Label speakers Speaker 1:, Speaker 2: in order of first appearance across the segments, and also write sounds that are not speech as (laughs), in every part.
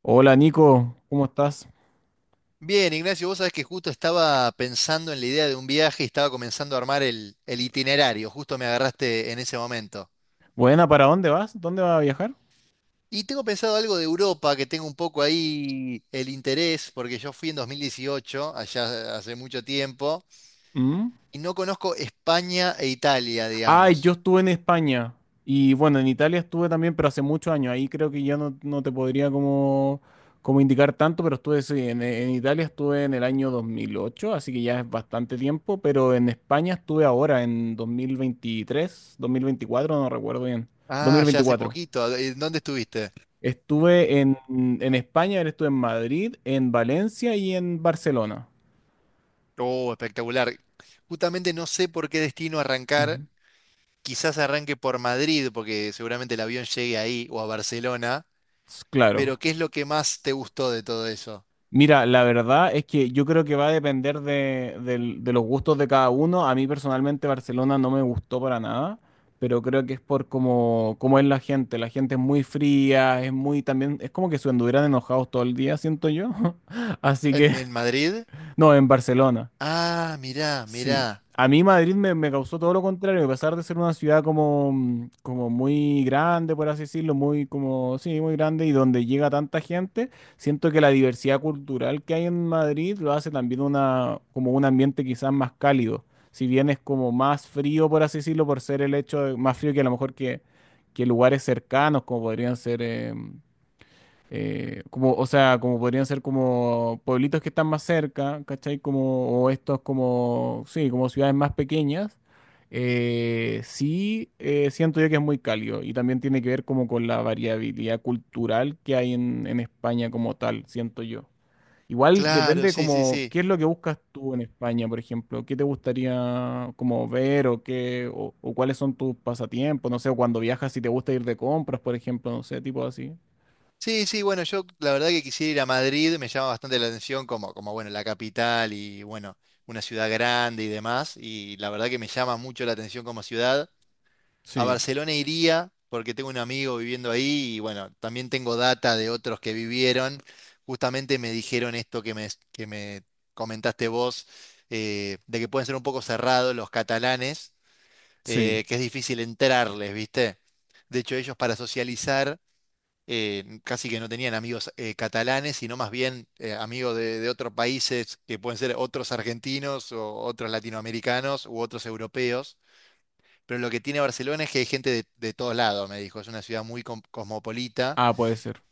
Speaker 1: Hola Nico, ¿cómo estás?
Speaker 2: Bien, Ignacio, vos sabés que justo estaba pensando en la idea de un viaje y estaba comenzando a armar el itinerario, justo me agarraste en ese momento.
Speaker 1: Buena, ¿para dónde vas? ¿Dónde vas a viajar?
Speaker 2: Y tengo pensado algo de Europa, que tengo un poco ahí el interés, porque yo fui en 2018, allá hace mucho tiempo,
Speaker 1: ¿Mm?
Speaker 2: y no conozco España e Italia,
Speaker 1: Ah, yo
Speaker 2: digamos.
Speaker 1: estuve en España y bueno, en Italia estuve también, pero hace muchos años. Ahí creo que ya no, no te podría como, como indicar tanto, pero estuve sí, en Italia estuve en el año 2008, así que ya es bastante tiempo, pero en España estuve ahora, en dos mil veintitrés, 2024, no recuerdo bien. Dos mil
Speaker 2: Ah, ya hace
Speaker 1: veinticuatro.
Speaker 2: poquito. ¿En ¿Dónde estuviste?
Speaker 1: Estuve en España, estuve en Madrid, en Valencia y en Barcelona.
Speaker 2: Oh, espectacular. Justamente no sé por qué destino arrancar.
Speaker 1: Ujú.
Speaker 2: Quizás arranque por Madrid, porque seguramente el avión llegue ahí o a Barcelona.
Speaker 1: Claro.
Speaker 2: Pero ¿qué es lo que más te gustó de todo eso?
Speaker 1: Mira, la verdad es que yo creo que va a depender de los gustos de cada uno. A mí personalmente Barcelona no me gustó para nada, pero creo que es por cómo, cómo es la gente. La gente es muy fría, es muy también, es como que se anduvieran enojados todo el día, siento yo. (laughs) Así
Speaker 2: ¿En,
Speaker 1: que,
Speaker 2: en Madrid?
Speaker 1: (laughs) no, en Barcelona.
Speaker 2: Ah, mirá,
Speaker 1: Sí.
Speaker 2: mirá.
Speaker 1: A mí Madrid me causó todo lo contrario, a pesar de ser una ciudad como, como muy grande, por así decirlo, muy como, sí, muy grande y donde llega tanta gente, siento que la diversidad cultural que hay en Madrid lo hace también una, como un ambiente quizás más cálido. Si bien es como más frío, por así decirlo, por ser el más frío que a lo mejor que lugares cercanos, como podrían ser, como, o sea, como podrían ser como pueblitos que están más cerca, ¿cachai? Como, o estos como, sí, como ciudades más pequeñas, sí siento yo que es muy cálido y también tiene que ver como con la variabilidad cultural que hay en España como tal, siento yo. Igual
Speaker 2: Claro,
Speaker 1: depende
Speaker 2: sí, sí,
Speaker 1: como,
Speaker 2: sí.
Speaker 1: ¿qué es lo que buscas tú en España, por ejemplo? ¿Qué te gustaría como ver o qué, o cuáles son tus pasatiempos? No sé, o cuando viajas si te gusta ir de compras, por ejemplo, no sé, tipo así.
Speaker 2: Sí, sí, bueno, yo la verdad que quisiera ir a Madrid, me llama bastante la atención como, como bueno, la capital y bueno, una ciudad grande y demás, y la verdad que me llama mucho la atención como ciudad. A
Speaker 1: Sí.
Speaker 2: Barcelona iría porque tengo un amigo viviendo ahí y bueno, también tengo data de otros que vivieron. Justamente me dijeron esto que me comentaste vos, de que pueden ser un poco cerrados los catalanes,
Speaker 1: Sí.
Speaker 2: que es difícil entrarles, ¿viste? De hecho, ellos para socializar casi que no tenían amigos catalanes, sino más bien amigos de otros países que pueden ser otros argentinos o otros latinoamericanos u otros europeos. Pero lo que tiene Barcelona es que hay gente de todos lados, me dijo. Es una ciudad muy cosmopolita.
Speaker 1: Ah, puede ser.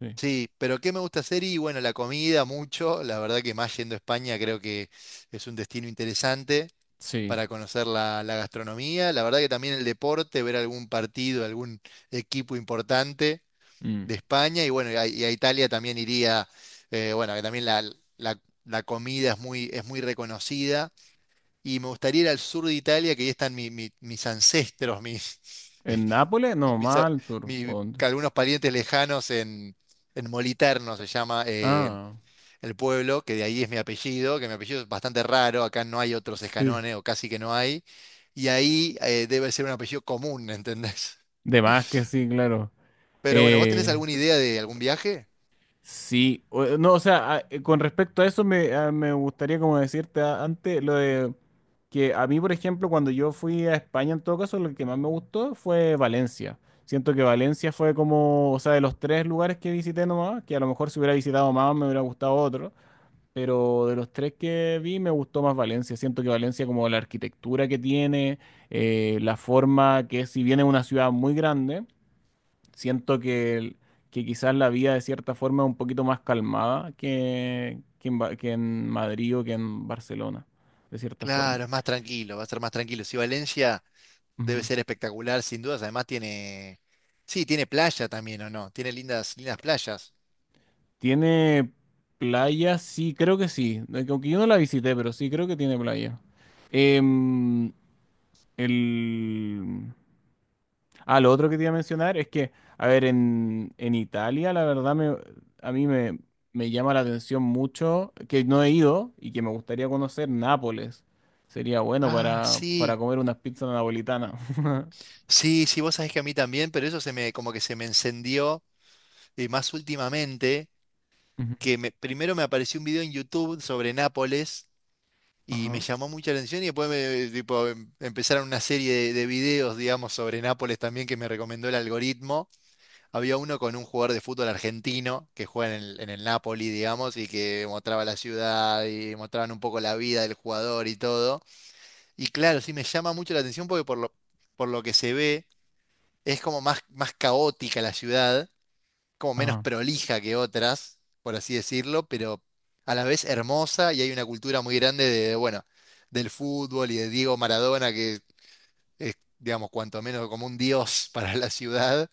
Speaker 1: Sí.
Speaker 2: Sí, pero ¿qué me gusta hacer? Y bueno, la comida mucho. La verdad que más yendo a España creo que es un destino interesante
Speaker 1: Sí.
Speaker 2: para conocer la gastronomía. La verdad que también el deporte, ver algún partido, algún equipo importante
Speaker 1: Mm.
Speaker 2: de España. Y bueno, y a Italia también iría, bueno, que también la- la comida es muy reconocida. Y me gustaría ir al sur de Italia, que ahí están mis ancestros, mis... (laughs)
Speaker 1: ¿En Nápoles? No,
Speaker 2: mis, a-
Speaker 1: más al sur. ¿O
Speaker 2: mi-
Speaker 1: dónde?
Speaker 2: que algunos parientes lejanos en Moliterno se llama
Speaker 1: Ah,
Speaker 2: el pueblo, que de ahí es mi apellido, que mi apellido es bastante raro, acá no hay otros
Speaker 1: sí.
Speaker 2: escanones o casi que no hay, y ahí debe ser un apellido común, (laughs) ¿entendés?
Speaker 1: De más que sí, claro.
Speaker 2: Pero bueno, ¿vos tenés
Speaker 1: Eh,
Speaker 2: alguna idea de algún viaje?
Speaker 1: sí. No, o sea, con respecto a eso me gustaría como decirte antes lo de que a mí, por ejemplo, cuando yo fui a España, en todo caso, lo que más me gustó fue Valencia. Siento que Valencia fue como, o sea, de los tres lugares que visité nomás, que a lo mejor si hubiera visitado más me hubiera gustado otro. Pero de los tres que vi me gustó más Valencia. Siento que Valencia, como la arquitectura que tiene, la forma que es, si bien es una ciudad muy grande, siento que quizás la vida de cierta forma es un poquito más calmada que, que en Madrid o que en Barcelona, de cierta forma.
Speaker 2: Claro, es más tranquilo, va a ser más tranquilo. Si Valencia debe
Speaker 1: Ujú.
Speaker 2: ser espectacular, sin dudas, además tiene... Sí, tiene playa también, ¿o no? Tiene lindas, lindas playas.
Speaker 1: ¿Tiene playa? Sí, creo que sí. Aunque yo no la visité, pero sí creo que tiene playa. Em, el... Ah, lo otro que te iba a mencionar es que, a ver, en Italia, la verdad, a mí me llama la atención mucho que no he ido y que me gustaría conocer Nápoles. Sería bueno
Speaker 2: Ah,
Speaker 1: para
Speaker 2: sí.
Speaker 1: comer unas pizzas napolitanas. (laughs)
Speaker 2: Sí, sí, vos sabés que a mí también, pero eso se me, como que se me encendió más últimamente,
Speaker 1: Ujú.
Speaker 2: primero me apareció un video en YouTube sobre Nápoles y me
Speaker 1: Ajá,
Speaker 2: llamó mucha atención y después me, tipo, empezaron una serie de videos, digamos, sobre Nápoles también que me recomendó el algoritmo. Había uno con un jugador de fútbol argentino que juega en el Napoli, digamos, y que mostraba la ciudad y mostraban un poco la vida del jugador y todo. Y claro, sí me llama mucho la atención porque por lo que se ve. Es como más, más caótica la ciudad, como menos
Speaker 1: ajá.
Speaker 2: prolija que otras, por así decirlo, pero a la vez hermosa y hay una cultura muy grande de, bueno, del fútbol y de Diego Maradona, que es, digamos, cuanto menos como un dios (laughs) para la ciudad.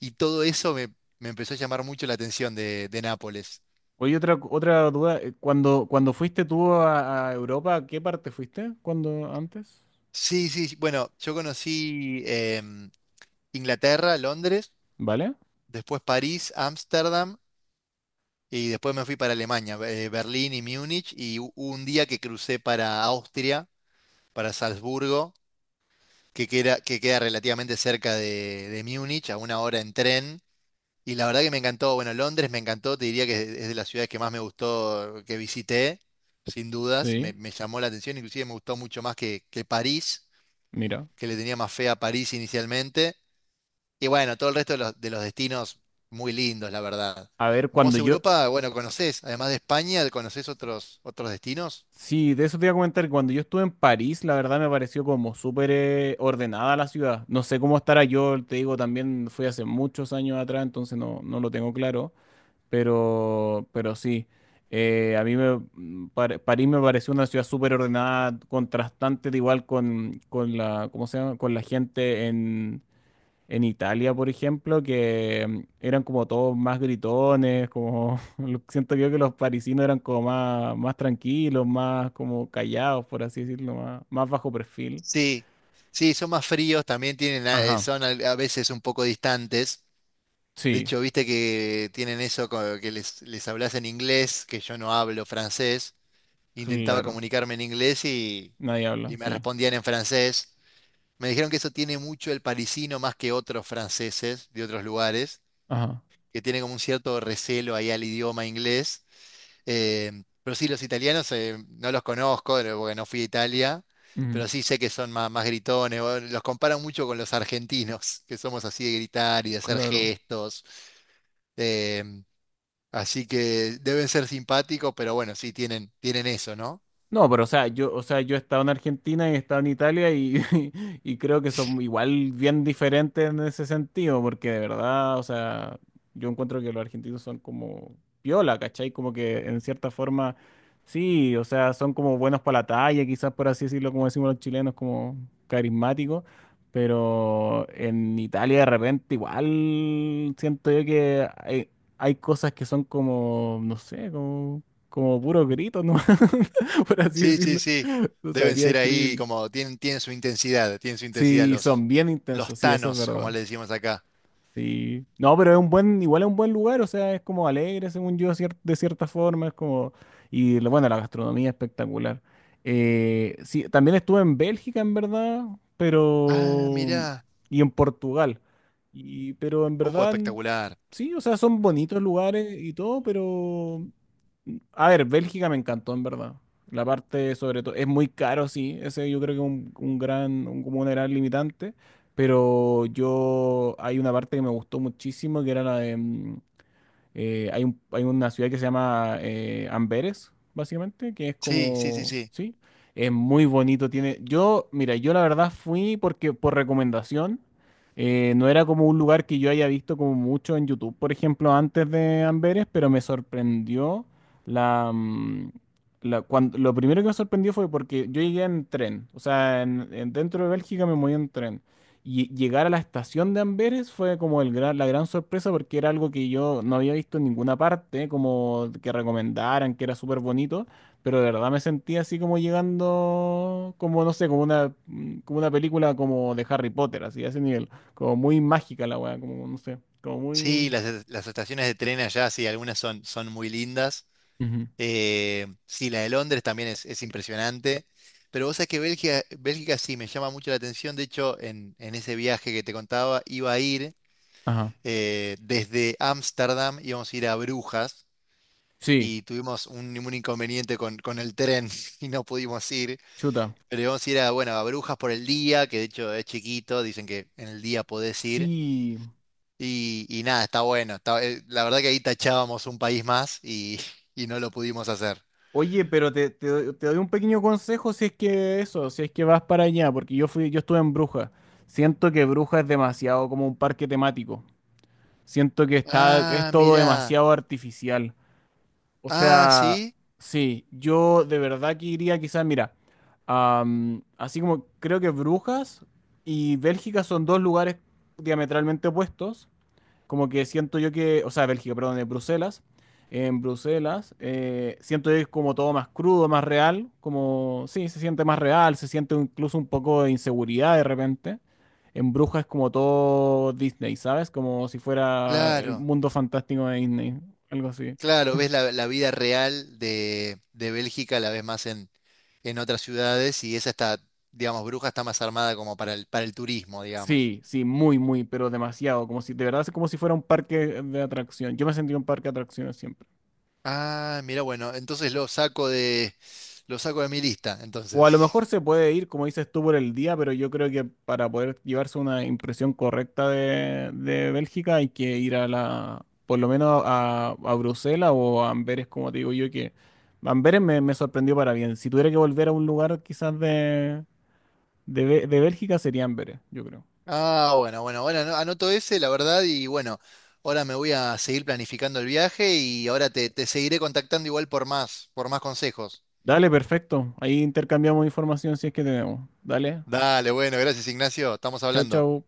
Speaker 2: Y todo eso me, me empezó a llamar mucho la atención de Nápoles.
Speaker 1: Oye, otra, otra duda. Cuando cuando fuiste tú a Europa, ¿a qué parte fuiste cuando antes?
Speaker 2: Sí, sí, sí, bueno, yo conocí Inglaterra, Londres,
Speaker 1: ¿Vale?
Speaker 2: después París, Ámsterdam. Y después me fui para Alemania, Berlín y Múnich, y hubo un día que crucé para Austria, para Salzburgo, que queda relativamente cerca de Múnich, a una hora en tren. Y la verdad que me encantó, bueno, Londres me encantó, te diría que es de las ciudades que más me gustó que visité, sin dudas, me,
Speaker 1: Sí,
Speaker 2: me llamó la atención, inclusive me gustó mucho más que París,
Speaker 1: mira.
Speaker 2: que le tenía más fe a París inicialmente. Y bueno, todo el resto de los destinos muy lindos, la verdad.
Speaker 1: A ver,
Speaker 2: ¿Vos Europa, bueno, conocés, además de España, conocés otros, otros destinos?
Speaker 1: sí, de eso te iba a comentar. Cuando yo estuve en París, la verdad me pareció como súper ordenada la ciudad. No sé cómo estará yo, te digo, también fui hace muchos años atrás, entonces no, no lo tengo claro. Pero sí, a mí París me pareció una ciudad súper ordenada, contrastante, de igual con la, ¿cómo se llama? Con la gente en Italia, por ejemplo, que eran como todos más gritones, como (laughs) siento yo que los parisinos eran como más, más tranquilos, más como callados, por así decirlo, más, más bajo perfil.
Speaker 2: Sí, sí, son más fríos, también tienen,
Speaker 1: Ajá,
Speaker 2: son a veces un poco distantes. De
Speaker 1: sí,
Speaker 2: hecho, viste que tienen eso, que les hablas en inglés, que yo no hablo francés. Intentaba
Speaker 1: claro.
Speaker 2: comunicarme en inglés
Speaker 1: Nadie habla,
Speaker 2: y me
Speaker 1: sí.
Speaker 2: respondían en francés. Me dijeron que eso tiene mucho el parisino más que otros franceses de otros lugares
Speaker 1: Ajá,
Speaker 2: que tiene como un cierto recelo ahí al idioma inglés. Eh, pero sí, los italianos no los conozco porque no fui a Italia,
Speaker 1: ujú,
Speaker 2: pero sí sé que son más, más gritones. O los comparan mucho con los argentinos, que somos así de gritar y de hacer
Speaker 1: claro.
Speaker 2: gestos. eh, Así que deben ser simpáticos, pero bueno, sí, tienen, tienen eso, ¿no?
Speaker 1: No, pero o sea, yo he estado en Argentina y he estado en Italia y, (laughs) y creo que son igual bien diferentes en ese sentido, porque de verdad, o sea, yo encuentro que los argentinos son como piola, ¿cachai? Como que en cierta forma, sí, o sea, son como buenos para la talla, quizás por así decirlo, como decimos los chilenos, como carismáticos, pero en Italia de repente igual siento yo que hay cosas que son como, no sé, como, como puro grito, ¿no? (laughs) (laughs) por así
Speaker 2: Sí, sí,
Speaker 1: decirlo.
Speaker 2: sí.
Speaker 1: No
Speaker 2: Deben
Speaker 1: sabría
Speaker 2: ser ahí
Speaker 1: describirlo.
Speaker 2: como, tienen, tienen su intensidad
Speaker 1: Sí, son bien
Speaker 2: los
Speaker 1: intensos, sí, eso es
Speaker 2: tanos, como
Speaker 1: verdad.
Speaker 2: le decimos acá.
Speaker 1: Sí. No, pero es un buen, igual es un buen lugar, o sea, es como alegre, según yo, de cierta forma, es como, y bueno, la gastronomía es espectacular. Sí, también estuve en Bélgica, en verdad,
Speaker 2: Ah,
Speaker 1: pero,
Speaker 2: mirá.
Speaker 1: y en Portugal, y, pero en verdad,
Speaker 2: Espectacular.
Speaker 1: sí, o sea, son bonitos lugares y todo, pero, a ver, Bélgica me encantó, en verdad. La parte, sobre todo, es muy caro, sí, ese yo creo que es un gran, como un gran limitante, pero yo hay una parte que me gustó muchísimo, que era la de... hay hay una ciudad que se llama Amberes, básicamente, que es
Speaker 2: Sí, sí, sí,
Speaker 1: como...
Speaker 2: sí.
Speaker 1: Sí, es muy bonito, tiene... Yo, mira, yo la verdad fui porque por recomendación, no era como un lugar que yo haya visto como mucho en YouTube, por ejemplo, antes de Amberes, pero me sorprendió la... mm, lo primero que me sorprendió fue porque yo llegué en tren, o sea, dentro de Bélgica me moví en tren. Y llegar a la estación de Amberes fue como el la gran sorpresa porque era algo que yo no había visto en ninguna parte, como que recomendaran, que era súper bonito, pero de verdad me sentí así como llegando, como no sé, como una película como de Harry Potter, así, a ese nivel, como muy mágica la weá, como no sé, como muy...
Speaker 2: Sí, las estaciones de tren allá, sí, algunas son, son muy lindas.
Speaker 1: Ujú.
Speaker 2: Sí, la de Londres también es impresionante. Pero vos sabés que Bélgica, Bélgica sí me llama mucho la atención. De hecho, en ese viaje que te contaba, iba a ir
Speaker 1: Ajá.
Speaker 2: desde Ámsterdam, íbamos a ir a Brujas
Speaker 1: Sí,
Speaker 2: y tuvimos un inconveniente con el tren (laughs) y no pudimos ir.
Speaker 1: chuta.
Speaker 2: Pero íbamos a ir a, bueno, a Brujas por el día, que de hecho es chiquito, dicen que en el día podés ir.
Speaker 1: Sí.
Speaker 2: Y nada, está bueno. La verdad que ahí tachábamos un país más y, (laughs) y no lo pudimos hacer.
Speaker 1: Oye, pero te, te doy un pequeño consejo si es que eso, si es que vas para allá, porque yo fui, yo estuve en Bruja. Siento que Bruja es demasiado como un parque temático. Siento que está, es
Speaker 2: Ah,
Speaker 1: todo
Speaker 2: mirá.
Speaker 1: demasiado artificial. O
Speaker 2: Ah,
Speaker 1: sea,
Speaker 2: sí,
Speaker 1: sí, yo de verdad que iría quizás, mira, am, así como creo que Brujas y Bélgica son dos lugares diametralmente opuestos. Como que siento yo que, o sea, Bélgica, perdón, en Bruselas. En Bruselas, siento yo que es como todo más crudo, más real, como, sí, se siente más real, se siente incluso un poco de inseguridad de repente. En Brujas es como todo Disney, ¿sabes? Como si fuera el
Speaker 2: claro.
Speaker 1: mundo fantástico de Disney, algo así.
Speaker 2: Claro, ves la vida real de Bélgica, la ves más en otras ciudades y esa está, digamos, Bruja está más armada como para el turismo, digamos.
Speaker 1: Sí, sí, muy, muy, pero demasiado, como si, de verdad, es como si fuera un parque de atracción. Yo me sentí un parque de atracciones siempre.
Speaker 2: Ah, mira, bueno, entonces lo saco de mi lista,
Speaker 1: O a lo mejor
Speaker 2: entonces.
Speaker 1: se puede ir, como dices tú, por el día, pero yo creo que para poder llevarse una impresión correcta de Bélgica hay que ir a la, por lo menos a Bruselas o a Amberes, como te digo yo, que Amberes me sorprendió para bien. Si tuviera que volver a un lugar quizás de, de Bélgica sería Amberes, yo creo.
Speaker 2: Ah, bueno, bueno, bueno, anoto ese, la verdad, y bueno, ahora me voy a seguir planificando el viaje y ahora te, te seguiré contactando igual por más consejos.
Speaker 1: Dale, perfecto. Ahí intercambiamos información si es que tenemos. Dale,
Speaker 2: Dale, bueno, gracias Ignacio, estamos
Speaker 1: chao,
Speaker 2: hablando.
Speaker 1: chao.